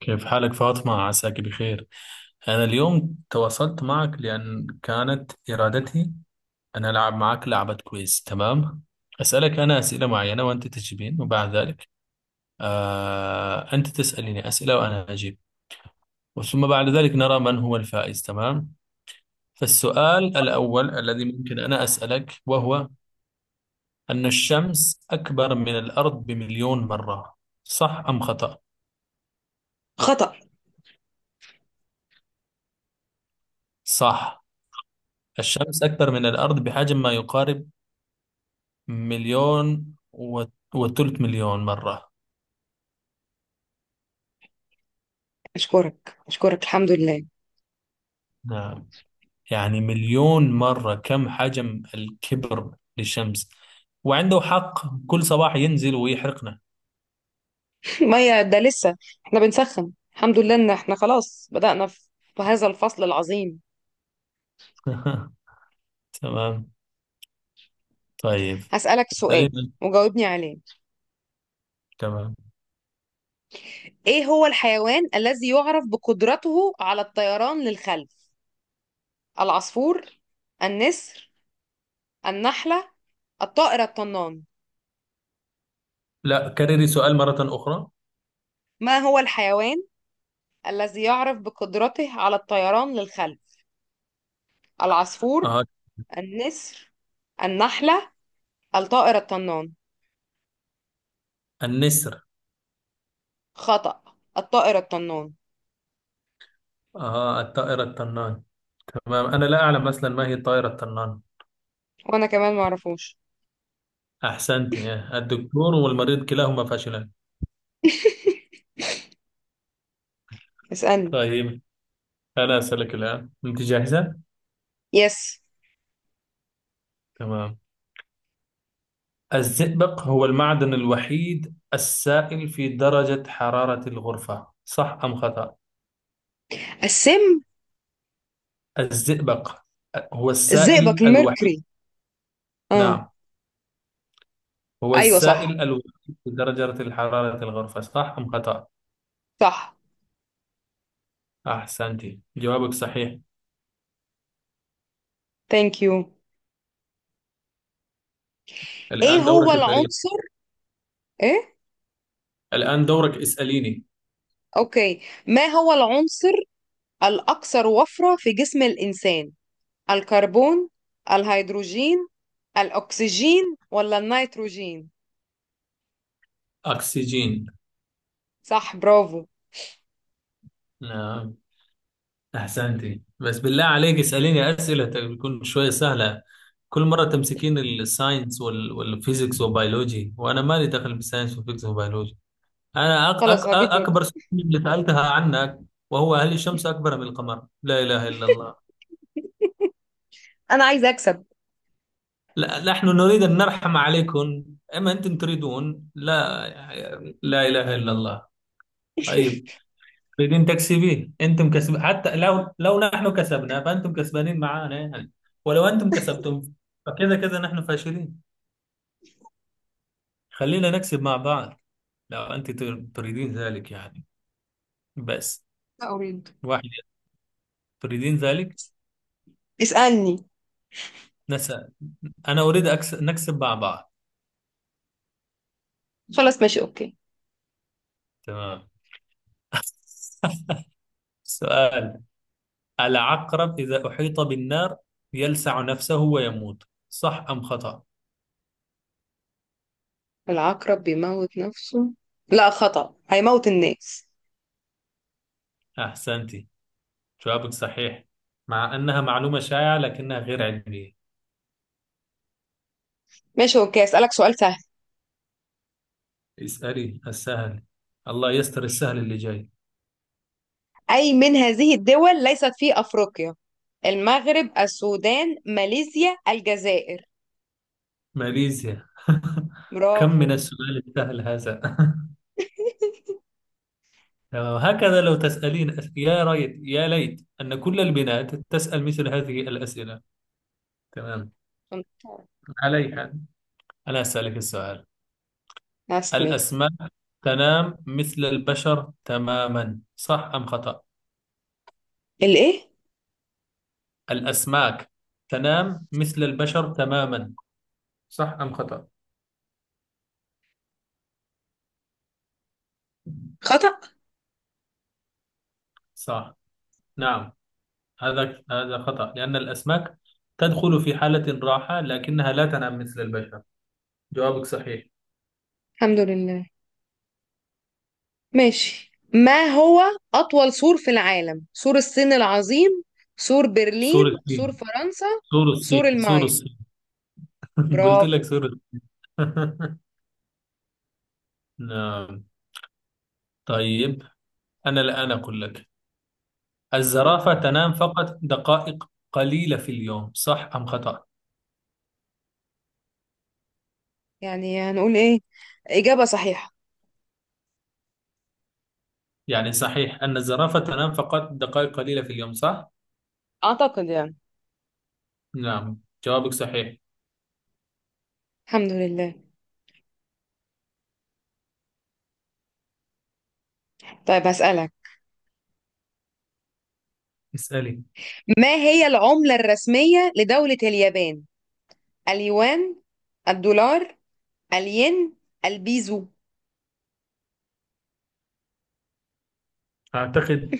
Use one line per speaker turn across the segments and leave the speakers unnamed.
كيف حالك، فاطمة؟ عساك بخير. أنا اليوم تواصلت معك لأن كانت إرادتي أن ألعب معك لعبة. كويس، تمام. أسألك أنا أسئلة معينة وأنت تجيبين، وبعد ذلك أنت تسأليني أسئلة وأنا أجيب. ثم بعد ذلك نرى من هو الفائز، تمام. فالسؤال الأول الذي ممكن أنا أسألك، وهو أن الشمس أكبر من الأرض بمليون مرة، صح أم خطأ؟
خطأ.
صح. الشمس أكبر من الأرض بحجم ما يقارب مليون وثلث مليون مرة.
أشكرك الحمد لله.
نعم، يعني مليون مرة كم حجم الكبر للشمس، وعنده حق كل صباح ينزل ويحرقنا.
مية ده لسه احنا بنسخن. الحمد لله إن احنا خلاص بدأنا في هذا الفصل العظيم.
تمام. طيب.
هسألك سؤال
تقريبا.
وجاوبني عليه،
تمام.
إيه هو الحيوان الذي يعرف بقدرته على الطيران للخلف؟ العصفور، النسر، النحلة، الطائر الطنان؟
لا، كرري سؤال مرة أخرى.
ما هو الحيوان الذي يعرف بقدرته على الطيران للخلف؟ العصفور،
آه.
النسر، النحلة، الطائر الطنان؟
النسر.
خطأ، الطائر الطنان.
آه. الطائر الطنان. تمام، أنا لا أعلم مثلا ما هي الطائرة الطنان.
وانا كمان معرفوش.
أحسنت. آه. الدكتور والمريض كلاهما فاشلان.
اسألني.
طيب، أنا أسألك الآن، أنت جاهزة؟
يس.
تمام. الزئبق هو المعدن الوحيد السائل في درجة حرارة الغرفة، صح أم خطأ؟
السم.
الزئبق هو السائل
الزئبق
الوحيد.
الميركوري. اه.
نعم، هو
ايوه، صح.
السائل الوحيد في درجة حرارة الغرفة، صح أم خطأ؟
صح.
أحسنتي، جوابك صحيح.
ثانك يو. ايه
الآن
هو
دورك، اسأليني.
العنصر، ايه.
الآن دورك، اسأليني.
اوكي، ما هو العنصر الاكثر وفرة في جسم الانسان؟ الكربون، الهيدروجين، الاكسجين ولا النيتروجين؟
أكسجين.
صح، برافو.
نعم، أحسنتي. بس بالله عليك اسأليني أسئلة تكون شوية سهلة. كل مرة تمسكين الساينس والفيزيكس وبيولوجي، وأنا مالي دخل بالساينس والفيزيكس وبيولوجي. أنا
خلاص هجيب لك.
أكبر سؤال اللي سألتها عنك، وهو هل الشمس أكبر من القمر؟ لا إله إلا الله.
انا عايزه اكسب.
لا، نحن نريد أن نرحم عليكم، أما أنتم تريدون لا. لا إله إلا الله. طيب، بدين تكسبين انتم كسب، حتى لو نحن كسبنا فانتم كسبانين معانا يعني، ولو انتم كسبتم فكذا كذا نحن فاشلين. خلينا نكسب مع بعض، لو انت تريدين ذلك يعني. بس.
لا اريد.
واحد. تريدين ذلك.
اسألني.
نسأل. انا اريد نكسب مع بعض.
خلاص ماشي اوكي.
تمام. سؤال. العقرب اذا احيط بالنار يلسع نفسه ويموت، صح ام خطأ.
العقرب بيموت نفسه، لا خطأ، هيموت الناس.
احسنتي، جوابك صحيح، مع انها معلومة شائعة لكنها غير علمية.
ماشي اوكي، اسألك سؤال سهل.
اسألي السهل. الله يستر السهل اللي جاي.
أي من هذه الدول ليست في أفريقيا؟ المغرب، السودان، ماليزيا، الجزائر؟
ماليزيا. كم من
برافو.
السؤال السهل هذا. هكذا لو تسألين يا ريت يا ليت أن كل البنات تسأل مثل هذه الأسئلة. تمام. علي حال، أنا أسألك السؤال.
اسمي.
الأسماك تنام مثل البشر تماما، صح أم خطأ؟
الايه؟
الأسماك تنام مثل البشر تماما، صح أم خطأ؟
خطأ.
صح. نعم، هذا خطأ لأن الأسماك تدخل في حالة راحة لكنها لا تنام مثل البشر. جوابك صحيح.
الحمد لله. ماشي، ما هو أطول سور في العالم؟ سور الصين العظيم، سور برلين،
سور الصين.
سور فرنسا،
سور
سور
الصين. سور
المايا؟
الصين. قلت لك
برافو.
سور الصين. نعم. طيب، أنا الآن أقول لك.
كلي،
الزرافة تنام فقط دقائق قليلة في اليوم، صح أم خطأ؟
يعني هنقول ايه، إجابة صحيحة.
يعني صحيح أن الزرافة تنام فقط دقائق قليلة في اليوم، صح؟
أعتقد يعني.
نعم، جوابك صحيح.
الحمد لله. طيب هسألك،
اسألي.
ما هي العملة الرسمية لدولة اليابان؟ اليوان، الدولار، الين، البيزو؟
أعتقد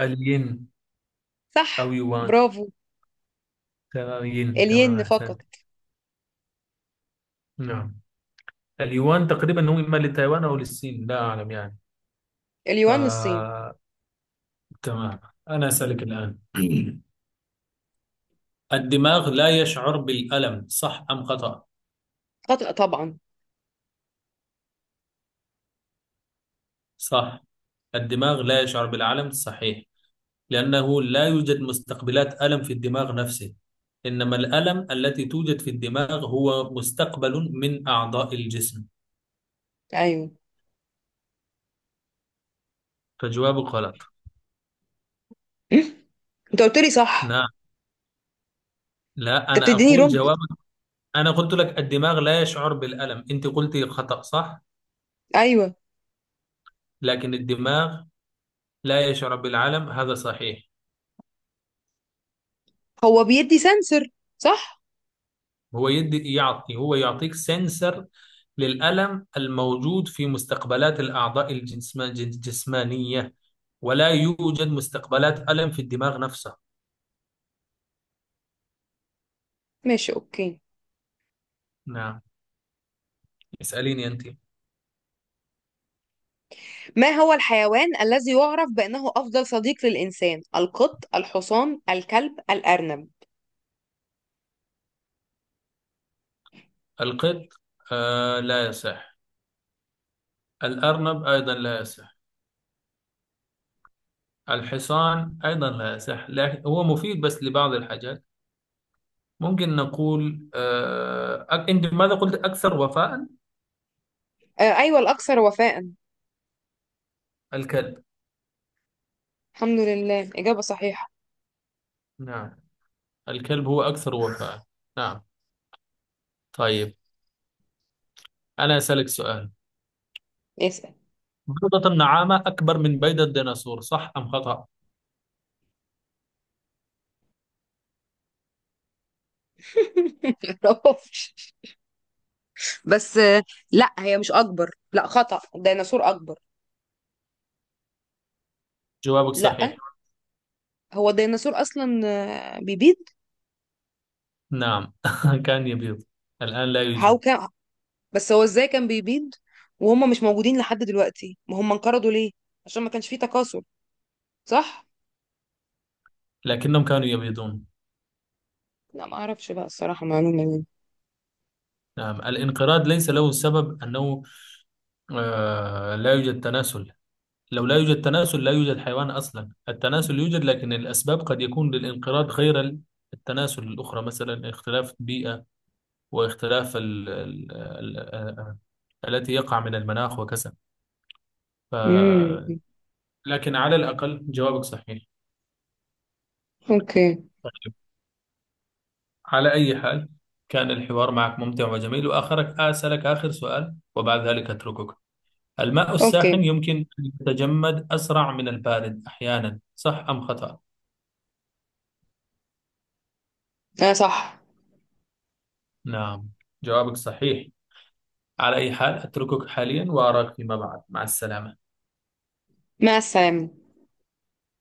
الين. أو
صح،
يوان.
برافو.
تمام، ين، تمام،
الين فقط.
أحسنت. نعم، اليوان تقريبا هو إما لتايوان أو للصين، لا أعلم يعني.
اليوان للصين.
آه، تمام. أنا أسألك الآن. الدماغ لا يشعر بالألم، صح أم خطأ؟
خطأ طبعا.
صح. الدماغ لا يشعر بالألم، صحيح، لأنه لا يوجد مستقبلات ألم في الدماغ نفسه، إنما الألم التي توجد في الدماغ هو مستقبل من أعضاء الجسم.
ايوه.
فجوابك غلط.
م? انت قلت لي صح.
نعم، لا،
انت
أنا
بتديني
أقول
رمز.
جوابك. أنا قلت لك الدماغ لا يشعر بالألم، أنت قلت خطأ، صح؟
ايوه.
لكن الدماغ لا يشعر بالعلم، هذا صحيح.
هو بيدي سنسر، صح.
هو يعطيك سنسر للألم الموجود في مستقبلات الأعضاء الجسمانية، ولا يوجد مستقبلات ألم في الدماغ نفسه.
ماشي اوكي.
نعم، اسأليني أنت.
ما هو الحيوان الذي يعرف بأنه أفضل صديق للإنسان؟ القط، الحصان، الكلب، الأرنب؟
القط. آه، لا يصح. الأرنب أيضا لا يصح. الحصان أيضا لا يصح، لكن هو مفيد بس لبعض الحاجات. ممكن نقول أنت ماذا قلت، أكثر وفاء.
آه، أيوة، الأكثر وفاء.
الكلب.
الحمد لله، إجابة صحيحة.
نعم، الكلب هو أكثر وفاء. نعم. طيب، أنا أسألك سؤال.
اسأل.
بيضة النعامة أكبر من بيضة الديناصور، صح أم خطأ؟
معرفش. بس آه، لا هي مش أكبر، لا خطأ، الديناصور أكبر.
جوابك
لا،
صحيح.
هو الديناصور أصلا آه، بيبيض.
نعم، كان يبيض، الآن لا
هاو
يوجد.
كان؟ بس هو إزاي كان بيبيض وهم مش موجودين لحد دلوقتي؟ ما هم انقرضوا ليه؟ عشان ما كانش فيه تكاثر، صح؟
لكنهم كانوا يبيضون.
لا ما أعرفش بقى الصراحة معلومة دي.
نعم، الانقراض ليس له سبب أنه لا يوجد تناسل. لو لا يوجد تناسل لا يوجد حيوان أصلا. التناسل يوجد، لكن الأسباب قد يكون للانقراض غير التناسل، الأخرى مثلا اختلاف البيئة، واختلاف ال ال ال التي يقع من المناخ وكذا.
امم
لكن على الأقل جوابك صحيح.
أوكي.
طيب، على أي حال، كان الحوار معك ممتع وجميل، وآخرك أسألك آخر سؤال وبعد ذلك أتركك. الماء
أوكي،
الساخن يمكن أن يتجمد أسرع من البارد أحيانا، صح أم خطأ؟
أنا صح.
نعم، جوابك صحيح. على أي حال أتركك حاليا وأراك فيما بعد. مع السلامة.
مع السلامة.